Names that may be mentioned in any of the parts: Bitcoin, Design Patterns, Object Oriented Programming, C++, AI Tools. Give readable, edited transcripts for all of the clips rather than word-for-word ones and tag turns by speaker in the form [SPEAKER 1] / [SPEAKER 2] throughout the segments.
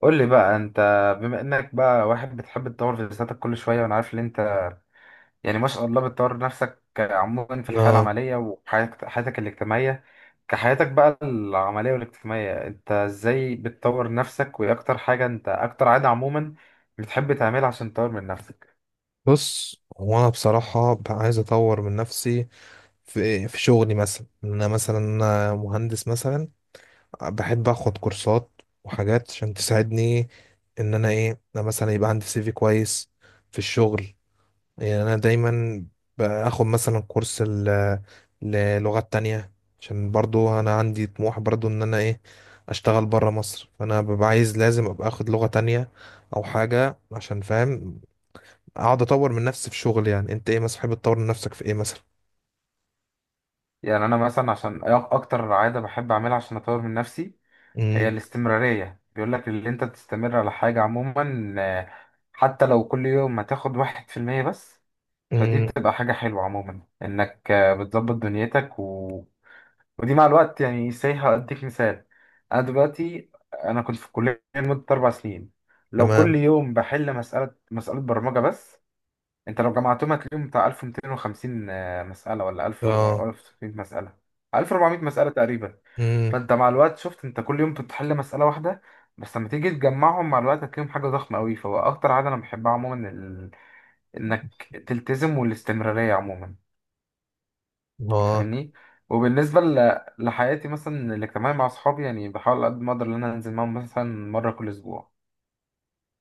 [SPEAKER 1] قول لي بقى انت، بما انك بقى واحد بتحب تطور في ذاتك كل شويه، وانا عارف ان انت يعني ما شاء الله بتطور نفسك عموما في الحياه
[SPEAKER 2] آه.
[SPEAKER 1] العمليه وحياتك الاجتماعيه. كحياتك بقى العمليه والاجتماعيه، انت ازاي بتطور نفسك؟ وايه اكتر حاجه، انت اكتر عاده عموما بتحب تعملها عشان تطور من نفسك؟
[SPEAKER 2] بص، هو أنا بصراحة عايز أطور من نفسي في شغلي، مثلا إن أنا مثلا أنا مهندس. مثلا بحب أخد كورسات وحاجات عشان تساعدني إن أنا أنا مثلا يبقى عندي سي في كويس في الشغل. يعني أنا دايما باخد مثلا كورس للغات تانية، عشان برضو أنا عندي طموح برضو إن أنا أشتغل برا مصر، فأنا ببقى عايز لازم أبقى أخد لغة تانية أو حاجة، عشان فاهم اقعد اطور من نفسي في شغل. يعني انت ايه مثلا بتحب تطور من نفسك في ايه مثلا؟
[SPEAKER 1] يعني انا مثلا عشان اكتر عاده بحب اعملها عشان اطور من نفسي، هي
[SPEAKER 2] امم.
[SPEAKER 1] الاستمرارية. بيقول لك اللي انت تستمر على حاجة عموما، حتى لو كل يوم هتاخد 1% بس. فدي
[SPEAKER 2] امم.
[SPEAKER 1] بتبقى حاجة حلوة عموما إنك بتظبط دنيتك ودي مع الوقت يعني سايحة. هديك مثال. أنا دلوقتي أنا كنت في الكلية لمدة 4 سنين. لو كل
[SPEAKER 2] تمام.
[SPEAKER 1] يوم بحل مسألة برمجة بس، أنت لو جمعتهم هتلاقيهم بتاع 1250 مسألة ولا
[SPEAKER 2] اه.
[SPEAKER 1] 1400 مسألة. 1400 مسألة تقريبا.
[SPEAKER 2] امم.
[SPEAKER 1] فأنت مع الوقت شفت أنت كل يوم بتحل مسألة واحدة، بس لما تيجي تجمعهم مع الوقت هتلاقيهم حاجة ضخمة أوي. فهو أكتر عادة أنا بحبها عموما انك تلتزم، والاستمرارية عموما.
[SPEAKER 2] اه.
[SPEAKER 1] فاهمني؟ وبالنسبة لحياتي مثلا الاجتماعية مع اصحابي، يعني بحاول قد ما اقدر ان انا انزل معاهم مثلا مرة كل اسبوع.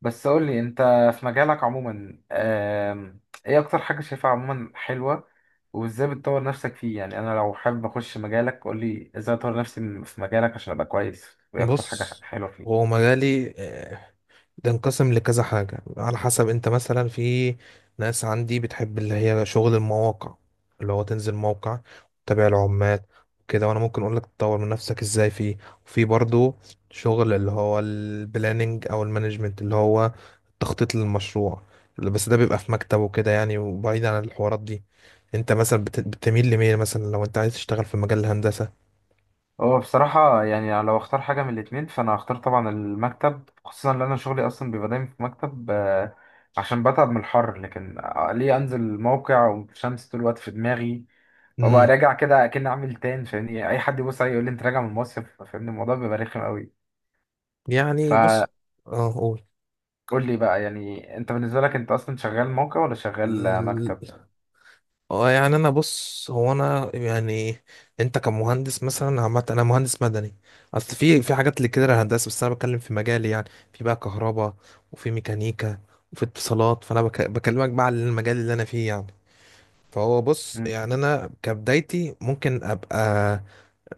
[SPEAKER 1] بس قول لي انت، في مجالك عموما، ايه اكتر حاجة شايفها عموما حلوة؟ وازاي بتطور نفسك فيه؟ يعني انا لو حابب اخش مجالك، قول لي ازاي اطور نفسي في مجالك عشان ابقى كويس، وايه اكتر حاجة
[SPEAKER 2] بص،
[SPEAKER 1] حلوة
[SPEAKER 2] هو
[SPEAKER 1] فيه؟
[SPEAKER 2] مجالي بتنقسم لكذا حاجة، على حسب انت مثلا. في ناس عندي بتحب اللي هي شغل المواقع، اللي هو تنزل موقع تتابع العمال كده، وانا ممكن اقول لك تطور من نفسك ازاي فيه. وفي برضو شغل اللي هو البلاننج او المانجمنت، اللي هو التخطيط للمشروع، بس ده بيبقى في مكتب وكده يعني، وبعيد عن الحوارات دي. انت مثلا بتميل لمين مثلا، لو انت عايز تشتغل في مجال الهندسة؟
[SPEAKER 1] هو بصراحة يعني لو اختار حاجة من الاتنين، فأنا هختار طبعا المكتب، خصوصا لأن أنا شغلي أصلا بيبقى دايما في مكتب، عشان بتعب من الحر. لكن ليه أنزل موقع والشمس طول الوقت في دماغي، وأبقى
[SPEAKER 2] امم.
[SPEAKER 1] راجع كده أكن عامل تان، فاهمني؟ أي حد يبص عليا يقول لي أنت راجع من المصيف، فاهمني؟ الموضوع بيبقى رخم أوي.
[SPEAKER 2] يعني
[SPEAKER 1] فقول
[SPEAKER 2] بص. اه، قول.
[SPEAKER 1] لي بقى، يعني أنت بالنسبة لك أنت أصلا شغال موقع ولا شغال مكتب؟
[SPEAKER 2] اه، يعني انا بص هو انا يعني انت كمهندس مثلا، عامه انا مهندس مدني. اصل في حاجات اللي كده هندسه، بس انا بتكلم في مجالي يعني. في بقى كهرباء، وفي ميكانيكا، وفي اتصالات، فانا بكلمك بقى على المجال اللي انا فيه يعني. فهو بص،
[SPEAKER 1] مم.
[SPEAKER 2] يعني انا كبدايتي ممكن ابقى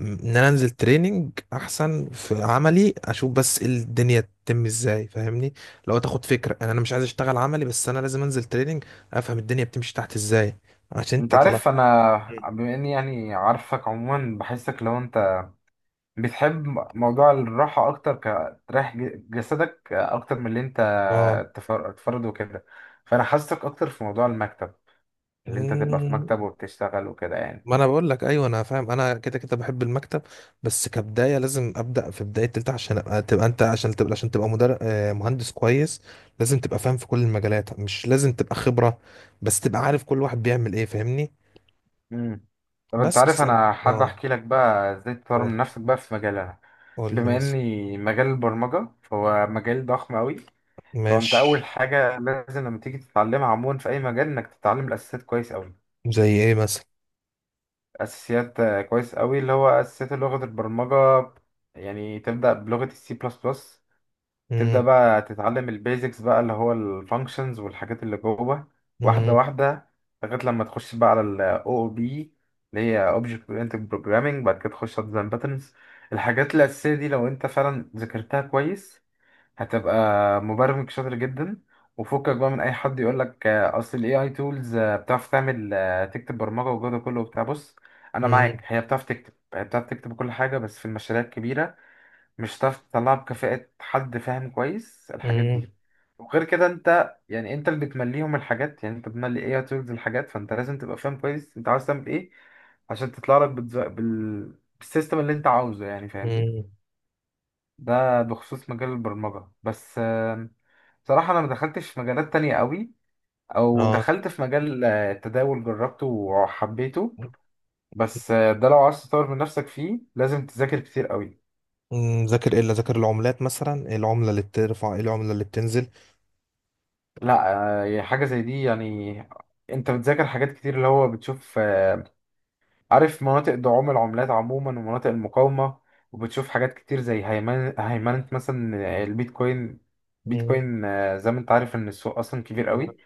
[SPEAKER 2] ان انا انزل تريننج احسن في عملي، اشوف بس إيه الدنيا تتم ازاي، فاهمني؟ لو تاخد فكره يعني، انا مش عايز اشتغل عملي، بس انا لازم انزل تريننج افهم الدنيا بتمشي تحت ازاي، عشان
[SPEAKER 1] أنت
[SPEAKER 2] انت.
[SPEAKER 1] عارف أنا
[SPEAKER 2] مم.
[SPEAKER 1] بما إني يعني عارفك عموما، بحسك لو أنت بتحب موضوع الراحة أكتر، كتريح جسدك أكتر من اللي أنت
[SPEAKER 2] اه.
[SPEAKER 1] تفرد وكده. فأنا حاسسك أكتر في موضوع المكتب، اللي أنت تبقى في
[SPEAKER 2] مم.
[SPEAKER 1] مكتب وبتشتغل وكده يعني.
[SPEAKER 2] ما انا بقول لك ايوه، انا فاهم. انا كده كده بحب المكتب، بس كبدايه لازم ابدا في بدايه تالتة، عشان ابقى تبقى انت عشان تبقى عشان تبقى مدرب مهندس كويس. لازم تبقى فاهم في كل المجالات، مش لازم تبقى خبره، بس تبقى عارف كل واحد بيعمل ايه، فاهمني؟
[SPEAKER 1] مم. طب أنت
[SPEAKER 2] بس
[SPEAKER 1] عارف
[SPEAKER 2] تمام. بس
[SPEAKER 1] أنا حابب
[SPEAKER 2] اه،
[SPEAKER 1] أحكي لك بقى إزاي تطور
[SPEAKER 2] قول.
[SPEAKER 1] من نفسك بقى في مجالنا.
[SPEAKER 2] قول لي
[SPEAKER 1] بما
[SPEAKER 2] مثلا.
[SPEAKER 1] إني مجال البرمجة، فهو مجال ضخم أوي. فأنت أول
[SPEAKER 2] ماشي.
[SPEAKER 1] حاجة لازم لما تيجي تتعلمها عموما في أي مجال، إنك تتعلم الأساسيات كويس أوي.
[SPEAKER 2] زي ايه مثلا؟
[SPEAKER 1] اساسيات كويس قوي، اللي هو اساسيات لغه البرمجه. يعني تبدا بلغه السي بلس بلس، تبدا
[SPEAKER 2] مم.
[SPEAKER 1] بقى تتعلم البيزكس بقى، اللي هو الفانكشنز والحاجات اللي جوه واحده
[SPEAKER 2] مم.
[SPEAKER 1] واحده، لغايه لما تخش بقى على الاو او بي، اللي هي اوبجكت اورينتد بروجرامنج. بعد كده تخش على ديزاين باترنز. الحاجات الاساسيه دي لو انت فعلا ذاكرتها كويس، هتبقى مبرمج شاطر جدا. وفكك بقى من اي حد يقول لك اصل الاي اي تولز بتعرف تعمل، تكتب برمجه، والجو ده كله وبتاع. بص انا
[SPEAKER 2] مم.
[SPEAKER 1] معاك، هي بتعرف تكتب كل حاجه، بس في المشاريع الكبيره مش هتعرف تطلعها بكفاءه حد فاهم كويس الحاجات
[SPEAKER 2] مم.
[SPEAKER 1] دي. وغير كده انت يعني انت اللي بتمليهم الحاجات، يعني انت بتملي اي اي تولز الحاجات، فانت لازم تبقى فاهم كويس انت عاوز تعمل ايه عشان تطلع لك بالسيستم اللي انت عاوزه، يعني فاهمني؟
[SPEAKER 2] مم.
[SPEAKER 1] ده بخصوص مجال البرمجة بس. صراحة أنا ما دخلتش في مجالات تانية قوي، أو
[SPEAKER 2] اه.
[SPEAKER 1] دخلت في مجال التداول، جربته وحبيته. بس ده لو عايز تطور من نفسك فيه، لازم تذاكر كتير قوي.
[SPEAKER 2] مم. ذاكر العملات مثلا؟ ايه العمله اللي بترفع، ايه العمله اللي بتنزل؟
[SPEAKER 1] لا حاجة زي دي يعني. أنت بتذاكر حاجات كتير، اللي هو بتشوف عارف مناطق دعوم العملات عموما ومناطق المقاومة، وبتشوف حاجات كتير زي هيمنة مثلا بيتكوين زي ما أنت عارف إن السوق أصلا كبير قوي،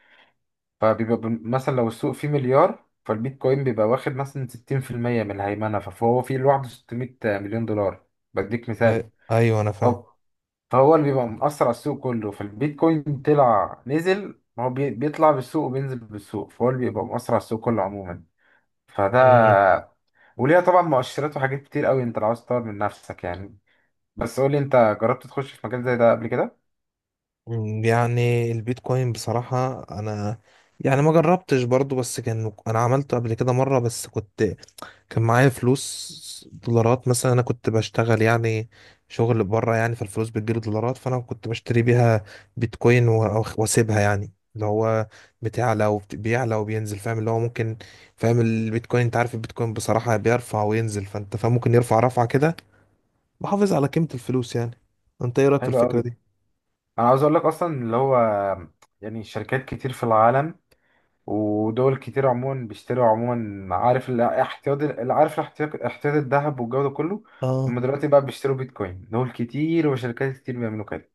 [SPEAKER 1] فبيبقى مثلا لو السوق فيه مليار، فالبيتكوين بيبقى واخد مثلا 60% من الهيمنة، فهو فيه لوحده 600 مليون دولار. بديك
[SPEAKER 2] أي-
[SPEAKER 1] مثال.
[SPEAKER 2] ايوه انا فاهم.
[SPEAKER 1] هو- فهو اللي بيبقى مأثر على السوق كله. فالبيتكوين طلع نزل، هو بيطلع بالسوق وبينزل بالسوق، فهو اللي بيبقى مأثر على السوق كله عموما.
[SPEAKER 2] مم.
[SPEAKER 1] فده. وليها طبعا مؤشرات وحاجات كتير قوي انت لو عاوز تطور من نفسك يعني. بس قولي انت، جربت تخش في مجال زي ده قبل كده؟
[SPEAKER 2] مم. يعني البيتكوين بصراحة انا يعني ما جربتش برضو، بس كان انا عملته قبل كده مرة. بس كنت، كان معايا فلوس دولارات مثلا، انا كنت بشتغل يعني شغل بره يعني، فالفلوس بتجيلي دولارات، فانا كنت بشتري بيها بيتكوين واسيبها. يعني اللي هو بتعلى وبيعلى وبينزل، فاهم؟ اللي هو ممكن، فاهم البيتكوين، انت عارف البيتكوين بصراحة بيرفع وينزل، فانت فاهم ممكن يرفع رفعة كده بحافظ على قيمة الفلوس يعني. انت ايه رأيك في
[SPEAKER 1] حلو
[SPEAKER 2] الفكرة
[SPEAKER 1] قوي.
[SPEAKER 2] دي؟
[SPEAKER 1] انا عاوز اقول لك اصلا اللي هو، يعني شركات كتير في العالم ودول كتير عموما بيشتروا عموما، عارف الاحتياط، احتياط الذهب والجو ده كله، هم
[SPEAKER 2] اه.
[SPEAKER 1] دلوقتي بقى بيشتروا بيتكوين. دول كتير وشركات كتير بيعملوا كده.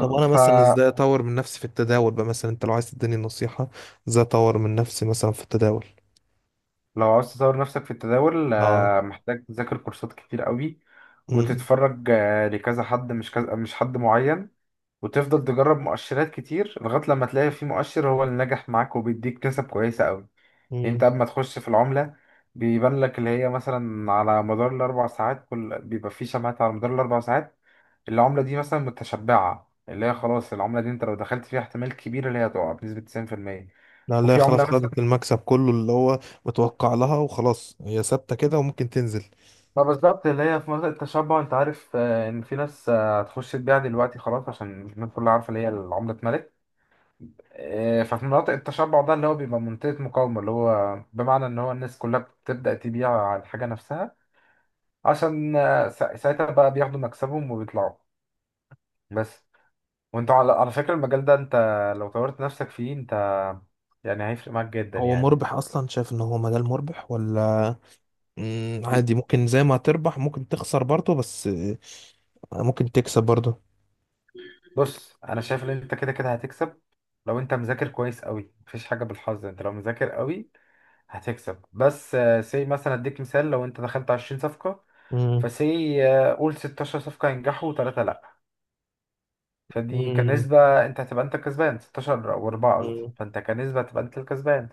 [SPEAKER 2] طب انا مثلا
[SPEAKER 1] فلو
[SPEAKER 2] ازاي اطور من نفسي في التداول بقى مثلا؟ انت لو عايز تديني نصيحة ازاي اطور من نفسي مثلا في التداول.
[SPEAKER 1] عاوز تطور نفسك في التداول
[SPEAKER 2] اه.
[SPEAKER 1] محتاج تذاكر كورسات كتير قوي،
[SPEAKER 2] امم.
[SPEAKER 1] وتتفرج لكذا حد، مش كذا، مش حد معين. وتفضل تجرب مؤشرات كتير لغاية لما تلاقي في مؤشر هو اللي نجح معاك وبيديك كسب كويسة قوي. انت
[SPEAKER 2] امم.
[SPEAKER 1] اما تخش في العملة، بيبان لك اللي هي مثلا على مدار الاربع ساعات. كل بيبقى في شمعات على مدار الاربع ساعات. العملة دي مثلا متشبعة، اللي هي خلاص العملة دي انت لو دخلت فيها احتمال كبير اللي هي تقع بنسبة 90%.
[SPEAKER 2] لا لا،
[SPEAKER 1] وفي
[SPEAKER 2] خلاص
[SPEAKER 1] عملة مثلا
[SPEAKER 2] خدت المكسب كله اللي هو متوقع لها، وخلاص هي ثابتة كده وممكن تنزل.
[SPEAKER 1] ما بالظبط اللي هي في منطقة التشبع، انت عارف ان في ناس هتخش تبيع دلوقتي خلاص عشان الناس كلها عارفة اللي هي العملة اتملت. ففي مناطق التشبع ده اللي هو بيبقى منطقة مقاومة، اللي هو بمعنى ان هو الناس كلها بتبدأ تبيع على الحاجة نفسها، عشان ساعتها بقى بياخدوا مكسبهم وبيطلعوا. بس. وانت على فكرة، المجال ده انت لو طورت نفسك فيه، انت يعني هيفرق معاك جدا
[SPEAKER 2] هو
[SPEAKER 1] يعني.
[SPEAKER 2] مربح اصلا؟ شايف ان هو مجال مربح ولا؟ مم، عادي، ممكن زي ما تربح ممكن تخسر برضه، بس ممكن تكسب برضه.
[SPEAKER 1] بص انا شايف ان انت كده كده هتكسب. لو انت مذاكر كويس قوي، مفيش حاجة بالحظ، انت لو مذاكر قوي هتكسب. بس سي مثلا اديك مثال، لو انت دخلت 20 صفقة، فسي قول 16 صفقة ينجحوا وثلاثة لا. فدي كنسبة، انت هتبقى انت الكسبان 16 و4 قصدي.
[SPEAKER 2] امم.
[SPEAKER 1] فانت كنسبة هتبقى انت الكسبان.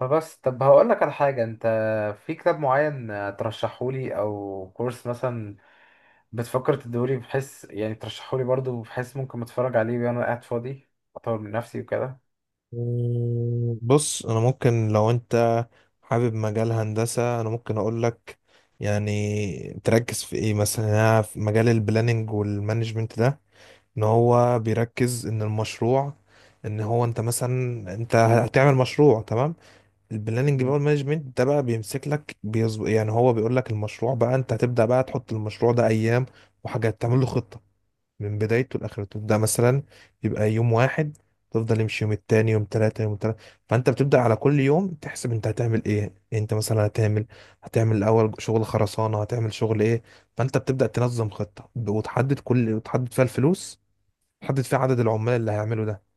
[SPEAKER 1] فبس. طب هقول لك على حاجة، انت في كتاب معين ترشحولي او كورس مثلا بتفكر تدولي؟ بحيث يعني ترشحولي برضو بحيث ممكن اتفرج عليه وانا قاعد فاضي، اطور من نفسي وكده.
[SPEAKER 2] مم، بص، انا ممكن لو انت حابب مجال هندسة انا ممكن اقول لك يعني تركز في ايه مثلا. يعني أنا في مجال البلاننج والمانجمنت ده، ان هو بيركز ان المشروع، ان هو انت مثلا انت هتعمل مشروع، تمام؟ البلاننج بقى
[SPEAKER 1] مم.
[SPEAKER 2] والمانجمنت ده بقى بيمسك لك بيظبط، يعني هو بيقول لك المشروع بقى، انت هتبدأ بقى تحط المشروع ده ايام وحاجات، تعمل له خطة من بدايته لاخرته. ده مثلا يبقى يوم واحد، تفضل يمشي يوم التاني، يوم تلاتة يوم تلاتة. فانت بتبدأ على كل يوم تحسب انت هتعمل ايه. انت مثلا هتعمل الاول شغل خرسانة، هتعمل شغل ايه. فانت بتبدأ تنظم خطة، وتحدد فيها الفلوس، تحدد فيها عدد العمال اللي هيعملوا ده،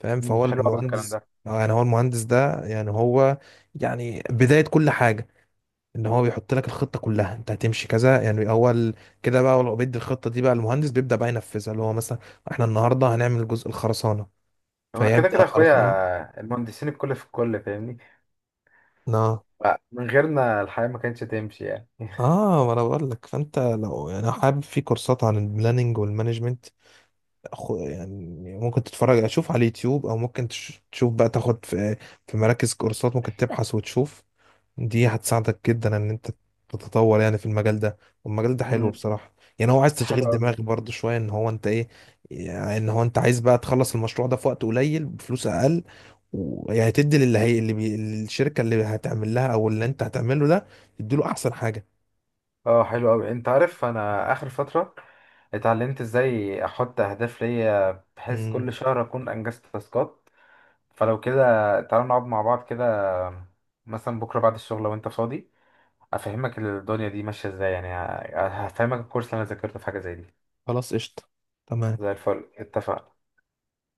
[SPEAKER 2] فاهم؟
[SPEAKER 1] مم.
[SPEAKER 2] فهو
[SPEAKER 1] حلو قوي الكلام
[SPEAKER 2] المهندس.
[SPEAKER 1] ده.
[SPEAKER 2] آه، يعني هو المهندس ده يعني هو يعني بداية كل حاجة، ان هو بيحط لك الخطه كلها انت هتمشي كذا يعني. اول كده بقى، ولو بيدي الخطه دي بقى، المهندس بيبدا بقى ينفذها، اللي هو مثلا احنا النهارده هنعمل جزء الخرسانه،
[SPEAKER 1] هو كده
[SPEAKER 2] فيبدا
[SPEAKER 1] كده
[SPEAKER 2] خرسانه.
[SPEAKER 1] اخويا، المهندسين الكل في الكل فاهمني؟
[SPEAKER 2] اه.
[SPEAKER 1] من غيرنا الحياة ما كانتش تمشي يعني.
[SPEAKER 2] اه، ما انا بقول لك. فانت لو يعني حابب في كورسات عن البلاننج والمانجمنت، يعني ممكن تتفرج اشوف على اليوتيوب، او ممكن تشوف بقى تاخد في مراكز كورسات، ممكن تبحث وتشوف. دي هتساعدك جدا ان انت تتطور يعني في المجال ده. والمجال ده حلو
[SPEAKER 1] مم.
[SPEAKER 2] بصراحة، يعني هو عايز
[SPEAKER 1] حلو
[SPEAKER 2] تشغيل
[SPEAKER 1] قوي.
[SPEAKER 2] دماغ برضو شوية، ان هو انت ايه يعني، ان هو انت عايز بقى تخلص المشروع ده في وقت قليل بفلوس اقل، ويعني تدي للي هي اللي الشركة اللي هتعمل لها او اللي انت هتعمله ده، تدي له احسن حاجة.
[SPEAKER 1] اه، حلو قوي، انت عارف انا اخر فترة اتعلمت ازاي احط اهداف ليا، بحيث
[SPEAKER 2] مم.
[SPEAKER 1] كل شهر اكون انجزت تاسكات. فلو كده، تعالوا نقعد مع بعض كده مثلا بكرة بعد الشغل لو انت فاضي، افهمك الدنيا دي ماشية ازاي، يعني هفهمك الكورس اللي انا ذاكرته في حاجة زي دي.
[SPEAKER 2] خلاص، قشطة.
[SPEAKER 1] زي
[SPEAKER 2] تمام.
[SPEAKER 1] الفل اتفقنا.